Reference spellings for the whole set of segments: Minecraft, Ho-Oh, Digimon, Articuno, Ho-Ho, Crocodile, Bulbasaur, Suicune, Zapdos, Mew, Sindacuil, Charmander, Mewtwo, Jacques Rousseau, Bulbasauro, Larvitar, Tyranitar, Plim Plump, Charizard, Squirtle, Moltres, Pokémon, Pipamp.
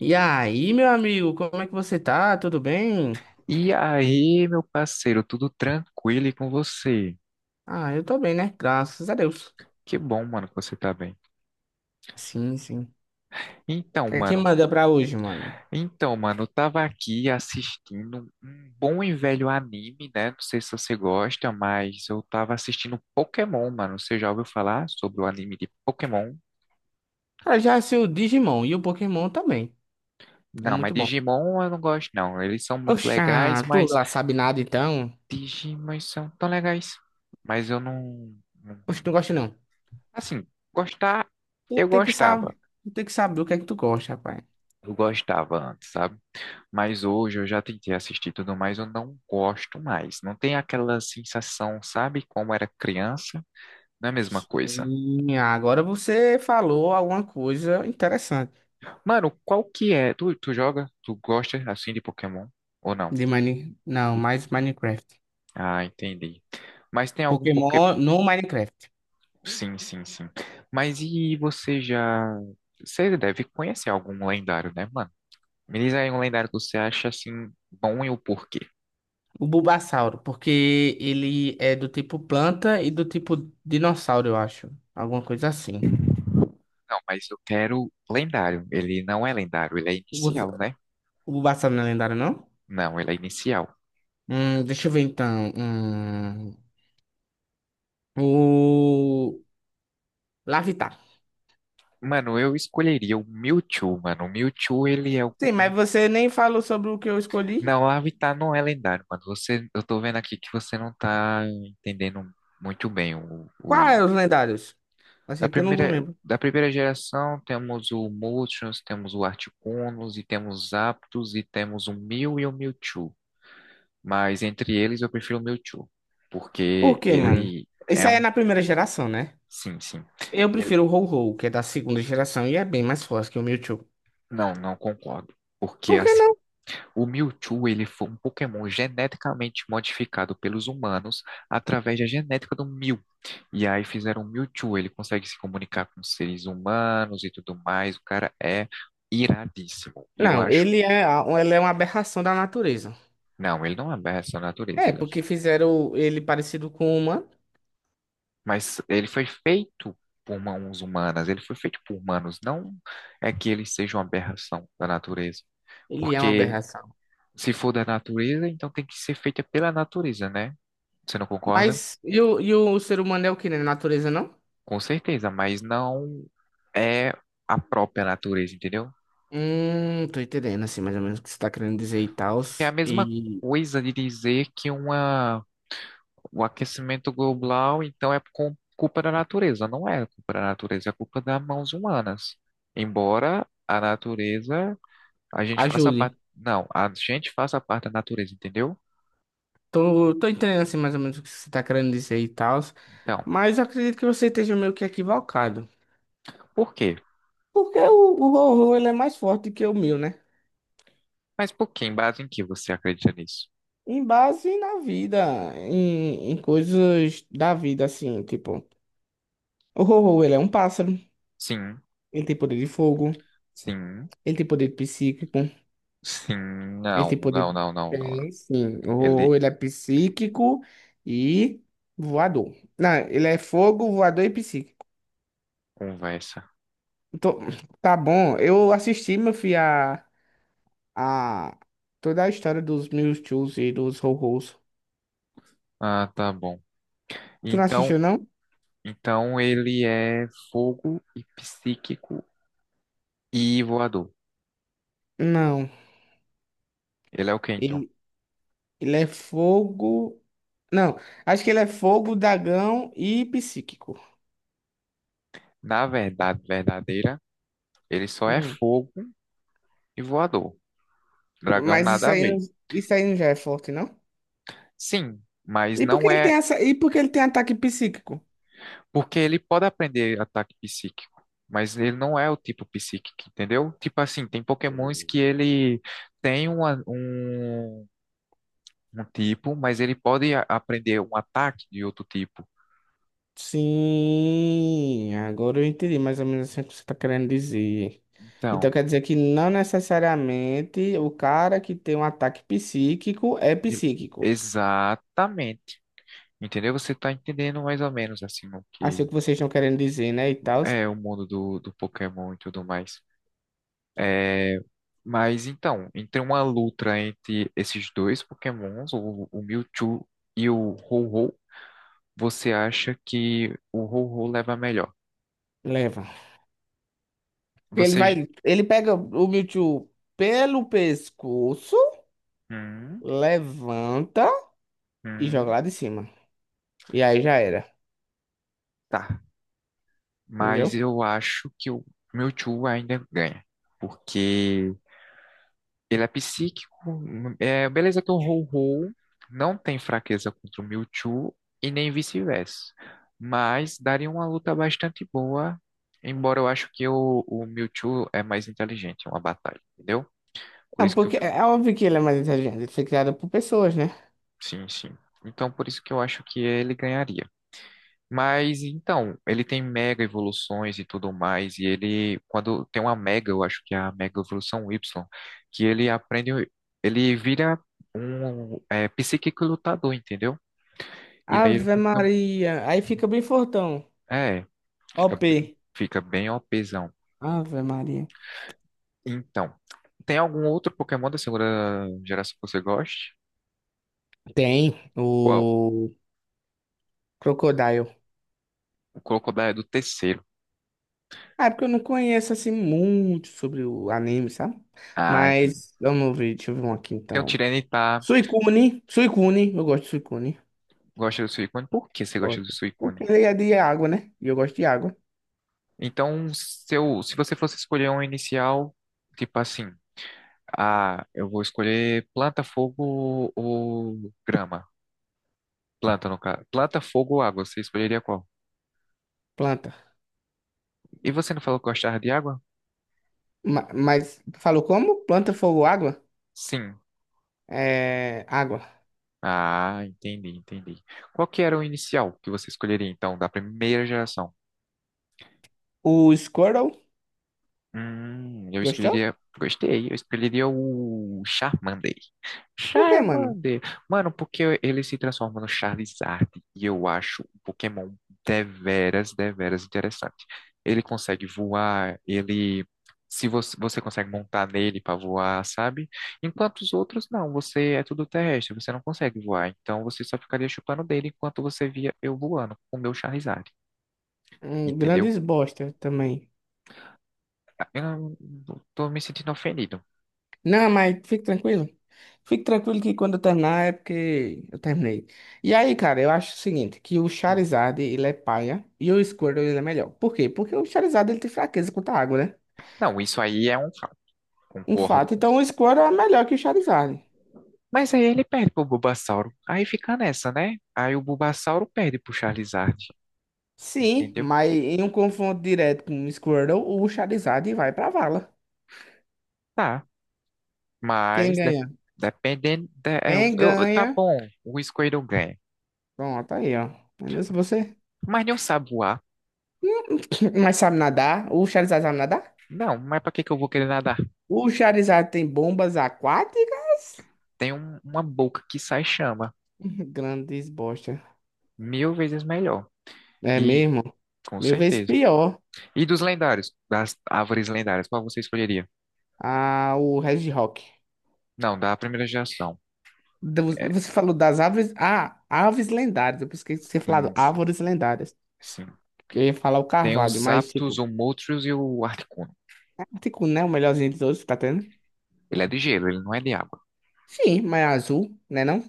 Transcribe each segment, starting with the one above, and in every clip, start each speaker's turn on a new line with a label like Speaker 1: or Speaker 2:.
Speaker 1: E aí, meu amigo, como é que você tá? Tudo bem?
Speaker 2: E aí, meu parceiro, tudo tranquilo e com você?
Speaker 1: Ah, eu tô bem, né? Graças a Deus.
Speaker 2: Que bom, mano, que você tá bem.
Speaker 1: Sim, sim. O
Speaker 2: Então,
Speaker 1: que é que
Speaker 2: mano,
Speaker 1: manda pra hoje, mano?
Speaker 2: então, mano, eu tava aqui assistindo um bom e velho anime, né? Não sei se você gosta, mas eu tava assistindo Pokémon, mano. Você já ouviu falar sobre o anime de Pokémon?
Speaker 1: Cara, já sei o Digimon e o Pokémon também. É
Speaker 2: Não, mas
Speaker 1: muito bom.
Speaker 2: Digimon eu não gosto, não. Eles são muito legais,
Speaker 1: Oxa, tu
Speaker 2: mas
Speaker 1: lá sabe nada então?
Speaker 2: Digimon são tão legais. Mas eu não, não-
Speaker 1: Oxe, tu não gosta não.
Speaker 2: assim, gostar,
Speaker 1: Tu
Speaker 2: eu
Speaker 1: tem que
Speaker 2: gostava.
Speaker 1: saber, tu tem que saber o que é que tu gosta, rapaz.
Speaker 2: Eu gostava antes, sabe? Mas hoje eu já tentei assistir tudo mais, eu não gosto mais. Não tem aquela sensação, sabe, como era criança? Não é a mesma coisa.
Speaker 1: Sim, agora você falou alguma coisa interessante
Speaker 2: Mano, qual que é? Tu joga? Tu gosta assim de Pokémon? Ou não?
Speaker 1: de Mine... Não, mais Minecraft.
Speaker 2: Ah, entendi. Mas tem algum Pokémon?
Speaker 1: Pokémon no Minecraft.
Speaker 2: Sim, sim, sim. Mas e você já. Você deve conhecer algum lendário, né, mano? Me diz aí um lendário que você acha assim bom e o porquê.
Speaker 1: O Bulbasauro, porque ele é do tipo planta e do tipo dinossauro, eu acho. Alguma coisa assim.
Speaker 2: Não, mas eu quero lendário. Ele não é lendário, ele é
Speaker 1: O Bus-
Speaker 2: inicial, né?
Speaker 1: o Bulbasauro não é lendário, não?
Speaker 2: Não, ele é inicial.
Speaker 1: Deixa eu ver então. O Larvitar.
Speaker 2: Mano, eu escolheria o Mewtwo, mano. O Mewtwo, ele é o.
Speaker 1: Sim, mas você nem falou sobre o que eu escolhi.
Speaker 2: Não, o Avatar não é lendário, mano. Você, eu tô vendo aqui que você não tá entendendo muito bem.
Speaker 1: Qual é os lendários?
Speaker 2: Da
Speaker 1: Achei que eu não
Speaker 2: primeira,
Speaker 1: lembro.
Speaker 2: da primeira geração, temos o Moltres, temos o Articunos, e temos Zapdos, e temos o Mew e o Mewtwo. Mas entre eles, eu prefiro o Mewtwo,
Speaker 1: Por
Speaker 2: porque
Speaker 1: quê, mano?
Speaker 2: ele
Speaker 1: Isso
Speaker 2: é
Speaker 1: aí é
Speaker 2: um.
Speaker 1: na primeira geração, né?
Speaker 2: Sim, sim.
Speaker 1: Eu
Speaker 2: Ele...
Speaker 1: prefiro o Ho-Ho, que é da segunda geração e é bem mais forte que o Mewtwo.
Speaker 2: Não, não concordo. Porque,
Speaker 1: Por que
Speaker 2: assim,
Speaker 1: não?
Speaker 2: o Mewtwo, ele foi um Pokémon geneticamente modificado pelos humanos através da genética do Mew. E aí fizeram o Mewtwo, ele consegue se comunicar com seres humanos e tudo mais. O cara é iradíssimo. E eu
Speaker 1: Não,
Speaker 2: acho,
Speaker 1: ele é, ele é uma aberração da natureza.
Speaker 2: não, ele não é essa natureza,
Speaker 1: É,
Speaker 2: ele é-
Speaker 1: porque fizeram ele parecido com o humano.
Speaker 2: mas ele foi feito por mãos humanas, ele foi feito por humanos, não é que ele seja uma aberração da natureza.
Speaker 1: Ele é uma
Speaker 2: Porque
Speaker 1: aberração.
Speaker 2: se for da natureza, então tem que ser feita pela natureza, né? Você não concorda?
Speaker 1: Mas e o ser humano é o que, né? Natureza, não?
Speaker 2: Com certeza, mas não é a própria natureza, entendeu?
Speaker 1: Tô entendendo, assim, mais ou menos o que você tá querendo dizer e tal.
Speaker 2: É a mesma
Speaker 1: E
Speaker 2: coisa de dizer que uma, o aquecimento global, então, é com- culpa da natureza. Não é culpa da natureza, é culpa das mãos humanas. Embora a natureza, a gente faça
Speaker 1: ajude.
Speaker 2: parte. Não, a gente faça parte da natureza, entendeu?
Speaker 1: Tô, tô entendendo, assim, mais ou menos o que você tá querendo dizer e tal.
Speaker 2: Então,
Speaker 1: Mas eu acredito que você esteja meio que equivocado.
Speaker 2: por quê?
Speaker 1: Porque o horror, ele é mais forte que o meu, né?
Speaker 2: Mas por quê? Em base em que você acredita nisso?
Speaker 1: Em base na vida, em coisas da vida, assim, tipo... O horror, ele é um pássaro.
Speaker 2: Sim,
Speaker 1: Ele tem poder de fogo.
Speaker 2: sim,
Speaker 1: Ele tem poder psíquico.
Speaker 2: sim,
Speaker 1: Ele
Speaker 2: não,
Speaker 1: tem poder.
Speaker 2: não, não, não, não.
Speaker 1: Tem, sim.
Speaker 2: Ele
Speaker 1: Ou ele é psíquico e voador. Não, ele é fogo, voador e psíquico.
Speaker 2: conversa.
Speaker 1: Tô- Tá bom. Eu assisti, meu filho, a toda a história dos Mewtwo's e dos Ho-Ho's.
Speaker 2: Ah, tá bom.
Speaker 1: Tu não
Speaker 2: Então,
Speaker 1: assistiu, não?
Speaker 2: então ele é fogo e psíquico e voador.
Speaker 1: Não.
Speaker 2: Ele é o Kenton.
Speaker 1: Ele, ele é fogo. Não, acho que ele é fogo, dragão e psíquico.
Speaker 2: Na verdade verdadeira, ele só é
Speaker 1: Hum.
Speaker 2: fogo e voador. Dragão
Speaker 1: Mas isso
Speaker 2: nada a
Speaker 1: aí, não-
Speaker 2: ver.
Speaker 1: isso aí não já é forte, não?
Speaker 2: Sim, mas
Speaker 1: E por que
Speaker 2: não
Speaker 1: ele tem
Speaker 2: é.
Speaker 1: essa, e por que ele tem ataque psíquico?
Speaker 2: Porque ele pode aprender ataque psíquico, mas ele não é o tipo psíquico, entendeu? Tipo assim, tem pokémons que ele tem um tipo, mas ele pode a- aprender um ataque de outro tipo.
Speaker 1: Sim, agora eu entendi mais ou menos assim o que você está querendo dizer. Então
Speaker 2: Então.
Speaker 1: quer dizer que não necessariamente o cara que tem um ataque psíquico é
Speaker 2: E-
Speaker 1: psíquico.
Speaker 2: Exatamente. Entendeu? Você tá entendendo mais ou menos assim o
Speaker 1: Assim o
Speaker 2: que
Speaker 1: que vocês estão querendo dizer, né? E tal,
Speaker 2: é o mundo do Pokémon e tudo mais. É, mas então, entre uma luta entre esses dois Pokémons, o Mewtwo e o Ho-Oh, você acha que o Ho-Oh leva melhor?
Speaker 1: leva. Ele
Speaker 2: Você. J-
Speaker 1: vai, ele pega o Mewtwo pelo pescoço,
Speaker 2: Hum,
Speaker 1: levanta e joga
Speaker 2: hum,
Speaker 1: lá de cima. E aí já era,
Speaker 2: tá. Mas
Speaker 1: entendeu?
Speaker 2: eu acho que o Mewtwo ainda ganha. Porque ele é psíquico, é, beleza que o Ho-Ho não tem fraqueza contra o Mewtwo e nem vice-versa, mas daria uma luta bastante boa, embora eu acho que o Mewtwo é mais inteligente em uma batalha, entendeu? Por
Speaker 1: Não,
Speaker 2: isso que eu,
Speaker 1: porque
Speaker 2: fi-
Speaker 1: é óbvio que ele é mais inteligente, ele foi criado por pessoas, né?
Speaker 2: sim, sim. Então, por isso que eu acho que ele ganharia. Mas então, ele tem mega evoluções e tudo mais, e ele, quando tem uma mega, eu acho que é a mega evolução Y, que ele aprende, ele vira um psíquico lutador, entendeu? E aí ele
Speaker 1: Ave
Speaker 2: fica,
Speaker 1: Maria, aí fica bem fortão.
Speaker 2: é, fica, bem-
Speaker 1: OP.
Speaker 2: fica bem OPzão.
Speaker 1: Ave Maria.
Speaker 2: Então, tem algum outro Pokémon da segunda geração que você goste?
Speaker 1: Tem
Speaker 2: Qual?
Speaker 1: o Crocodile.
Speaker 2: O Crocodile é do terceiro.
Speaker 1: Ah, é porque eu não conheço assim muito sobre o anime, sabe?
Speaker 2: Ah, entendi.
Speaker 1: Mas vamos ver, deixa eu ver um aqui
Speaker 2: Tem o
Speaker 1: então.
Speaker 2: Tyranitar,
Speaker 1: Suicune, Suicune, eu gosto de Suicune.
Speaker 2: gosta do Suicune. Por que você gosta do
Speaker 1: Gosto.
Speaker 2: Suicune?
Speaker 1: Porque ele é de água, né? E eu gosto de água.
Speaker 2: Então, se você fosse escolher um inicial, tipo assim, ah, eu vou escolher planta, fogo ou grama? Planta, no caso. Planta, fogo ou água, você escolheria qual?
Speaker 1: Planta.
Speaker 2: E você não falou que gostava de água?
Speaker 1: Mas, falou como? Planta, fogo, água?
Speaker 2: Sim.
Speaker 1: É, água.
Speaker 2: Ah, entendi, entendi. Qual que era o inicial que você escolheria, então, da primeira geração?
Speaker 1: O Squirtle,
Speaker 2: Eu
Speaker 1: gostou?
Speaker 2: escolheria. Gostei, eu escolheria o Charmander.
Speaker 1: Por que, mano?
Speaker 2: Charmander. Mano, porque ele se transforma no Charizard e eu acho um Pokémon deveras, deveras interessante. Ele consegue voar, ele. Se você, você consegue montar nele para voar, sabe? Enquanto os outros não, você é tudo terrestre, você não consegue voar. Então você só ficaria chupando dele enquanto você via eu voando com o meu Charizard,
Speaker 1: Um,
Speaker 2: entendeu?
Speaker 1: grandes bosta também.
Speaker 2: Ah, eu não- tô me sentindo ofendido.
Speaker 1: Não, mas fique tranquilo. Fique tranquilo que quando eu terminar é porque eu terminei. E aí, cara, eu acho o seguinte, que o
Speaker 2: Hum.
Speaker 1: Charizard, ele é paia e o Squirtle, ele é melhor. Por quê? Porque o Charizard, ele tem fraqueza contra a água, né?
Speaker 2: Não, isso aí é um fato,
Speaker 1: Um
Speaker 2: concordo
Speaker 1: fato.
Speaker 2: com.
Speaker 1: Então, o Squirtle é melhor que o Charizard.
Speaker 2: Mas aí ele perde pro Bulbasauro. Aí fica nessa, né? Aí o Bulbasauro perde pro Charizard.
Speaker 1: Sim,
Speaker 2: Entendeu?
Speaker 1: mas em um confronto direto com o Squirtle, o Charizard vai pra vala.
Speaker 2: Tá.
Speaker 1: Quem
Speaker 2: Mas de-
Speaker 1: ganha?
Speaker 2: dependendo. De- é,
Speaker 1: Quem
Speaker 2: eu- tá
Speaker 1: ganha?
Speaker 2: bom, o Squirtle ganha.
Speaker 1: Pronto, aí, ó. Mas você...
Speaker 2: Mas não sabe voar.
Speaker 1: Hum, Mas sabe nadar? O Charizard sabe nadar?
Speaker 2: Não, mas pra que que eu vou querer nadar?
Speaker 1: O Charizard tem bombas aquáticas?
Speaker 2: Tem uma boca que sai chama.
Speaker 1: Grandes bosta.
Speaker 2: Mil vezes melhor.
Speaker 1: É
Speaker 2: E
Speaker 1: mesmo?
Speaker 2: com
Speaker 1: Mil vezes
Speaker 2: certeza.
Speaker 1: pior.
Speaker 2: E dos lendários? Das árvores lendárias, qual você escolheria?
Speaker 1: Ah, o Red Rock.
Speaker 2: Não, da primeira geração. É,
Speaker 1: Você falou das árvores. Ah, aves lendárias. Eu pensei que você falado
Speaker 2: sim, sim,
Speaker 1: árvores lendárias.
Speaker 2: sim.
Speaker 1: Que eu ia falar o
Speaker 2: Tem
Speaker 1: carvalho,
Speaker 2: os
Speaker 1: mas
Speaker 2: Zapdos,
Speaker 1: tipo,
Speaker 2: o Moltres e o Articuno.
Speaker 1: é tipo, né? O melhorzinho dos outros, tá tendo?
Speaker 2: Ele é de gelo, ele não é de água.
Speaker 1: Sim, mas é azul, né não?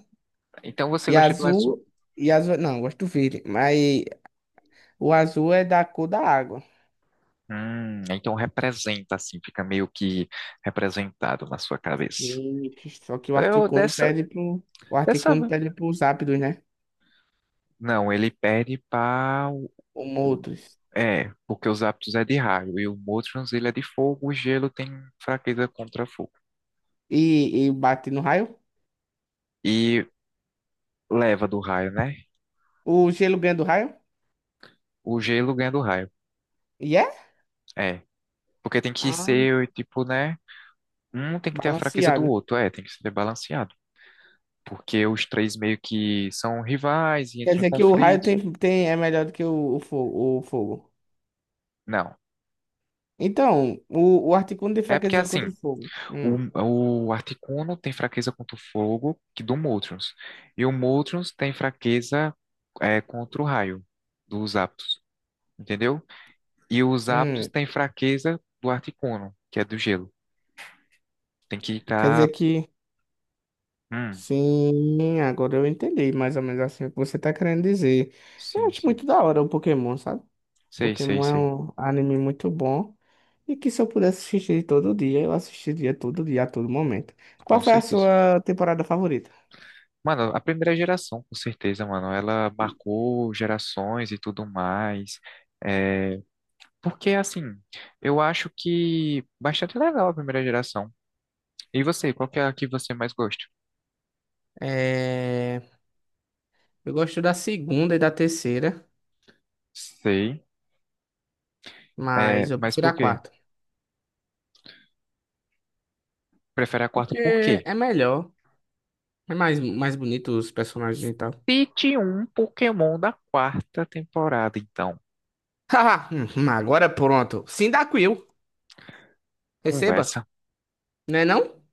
Speaker 2: Então você
Speaker 1: E
Speaker 2: gosta do azul.
Speaker 1: azul. E azul. Não, eu gosto do verde. Mas o azul é da cor da água.
Speaker 2: Então representa assim, fica meio que representado na sua cabeça.
Speaker 1: E- só que o
Speaker 2: Eu
Speaker 1: Articuno
Speaker 2: dessa,
Speaker 1: pede pro. O
Speaker 2: dessa,
Speaker 1: Articuno pede pros ápidos, né?
Speaker 2: não, ele perde para,
Speaker 1: Como outros.
Speaker 2: é, porque os hábitos é de raio e o Motrons ele é de fogo, o gelo tem fraqueza contra fogo.
Speaker 1: E bate no raio?
Speaker 2: E leva do raio, né?
Speaker 1: O gelo ganha do raio?
Speaker 2: O gelo ganha do raio.
Speaker 1: E é?
Speaker 2: É, porque tem que
Speaker 1: Ah,
Speaker 2: ser tipo, né? Um tem que ter a fraqueza do
Speaker 1: balanceado.
Speaker 2: outro, é, tem que ser balanceado porque os três meio que são rivais e
Speaker 1: Quer
Speaker 2: entram em
Speaker 1: dizer que o raio
Speaker 2: conflito.
Speaker 1: é melhor do que o fogo, o fogo.
Speaker 2: Não.
Speaker 1: Então, o Articuno de
Speaker 2: É porque
Speaker 1: fraqueza contra
Speaker 2: assim,
Speaker 1: o fogo.
Speaker 2: o Articuno tem fraqueza contra o fogo que do Moltres. E o Moltres tem fraqueza contra o raio dos Aptos, entendeu? E os Aptos
Speaker 1: Hum.
Speaker 2: tem fraqueza do Articuno, que é do gelo. Tem que
Speaker 1: Quer dizer
Speaker 2: estar.
Speaker 1: que.
Speaker 2: Hum,
Speaker 1: Sim, agora eu entendi mais ou menos assim o que você tá querendo dizer. Eu
Speaker 2: sim,
Speaker 1: acho
Speaker 2: sim.
Speaker 1: muito da hora o Pokémon, sabe?
Speaker 2: Sei, sei,
Speaker 1: Pokémon é
Speaker 2: sei.
Speaker 1: um anime muito bom. E que se eu pudesse assistir todo dia, eu assistiria todo dia, a todo momento. Qual
Speaker 2: Com
Speaker 1: foi a
Speaker 2: certeza.
Speaker 1: sua temporada favorita?
Speaker 2: Mano, a primeira geração, com certeza, mano. Ela marcou gerações e tudo mais. É, porque, assim, eu acho que bastante legal a primeira geração. E você, qual que é a que você mais gosta?
Speaker 1: É. Eu gosto da segunda e da terceira,
Speaker 2: Sei. É,
Speaker 1: mas eu
Speaker 2: mas
Speaker 1: prefiro a
Speaker 2: por quê?
Speaker 1: quarta.
Speaker 2: Prefere a quarta por
Speaker 1: Porque
Speaker 2: quê?
Speaker 1: é melhor. É mais, mais bonito os personagens e tal.
Speaker 2: Cite um Pokémon da quarta temporada, então.
Speaker 1: Agora pronto. Sindacuil, receba.
Speaker 2: Conversa.
Speaker 1: Não é não?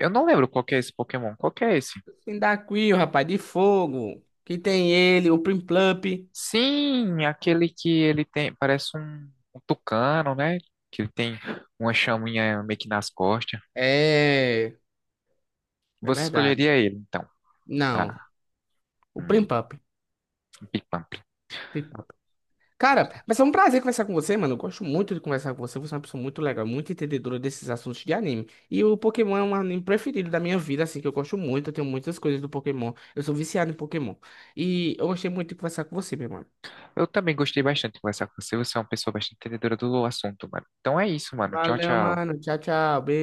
Speaker 2: Eu não lembro qual que é esse Pokémon. Qual que é esse?
Speaker 1: Sindacuil, rapaz, de fogo. Que tem ele, o Plim Plump.
Speaker 2: Sim, aquele que ele tem. Parece um tucano, né? Que ele tem uma chaminha meio que nas costas.
Speaker 1: É. É
Speaker 2: Você
Speaker 1: verdade.
Speaker 2: escolheria ele, então.
Speaker 1: Não,
Speaker 2: Ah,
Speaker 1: o Plim
Speaker 2: hum,
Speaker 1: Plump.
Speaker 2: um Pipamp.
Speaker 1: Cara, mas é um prazer conversar com você, mano. Eu gosto muito de conversar com você. Você é uma pessoa muito legal, muito entendedora desses assuntos de anime. E o Pokémon é um anime preferido da minha vida, assim, que eu gosto muito. Eu tenho muitas coisas do Pokémon. Eu sou viciado em Pokémon. E eu gostei muito de conversar com você, meu mano.
Speaker 2: Eu também gostei bastante de conversar com você. Você é uma pessoa bastante entendedora do assunto, mano. Então é isso, mano. Tchau,
Speaker 1: Valeu,
Speaker 2: tchau.
Speaker 1: mano. Tchau, tchau. Beijo.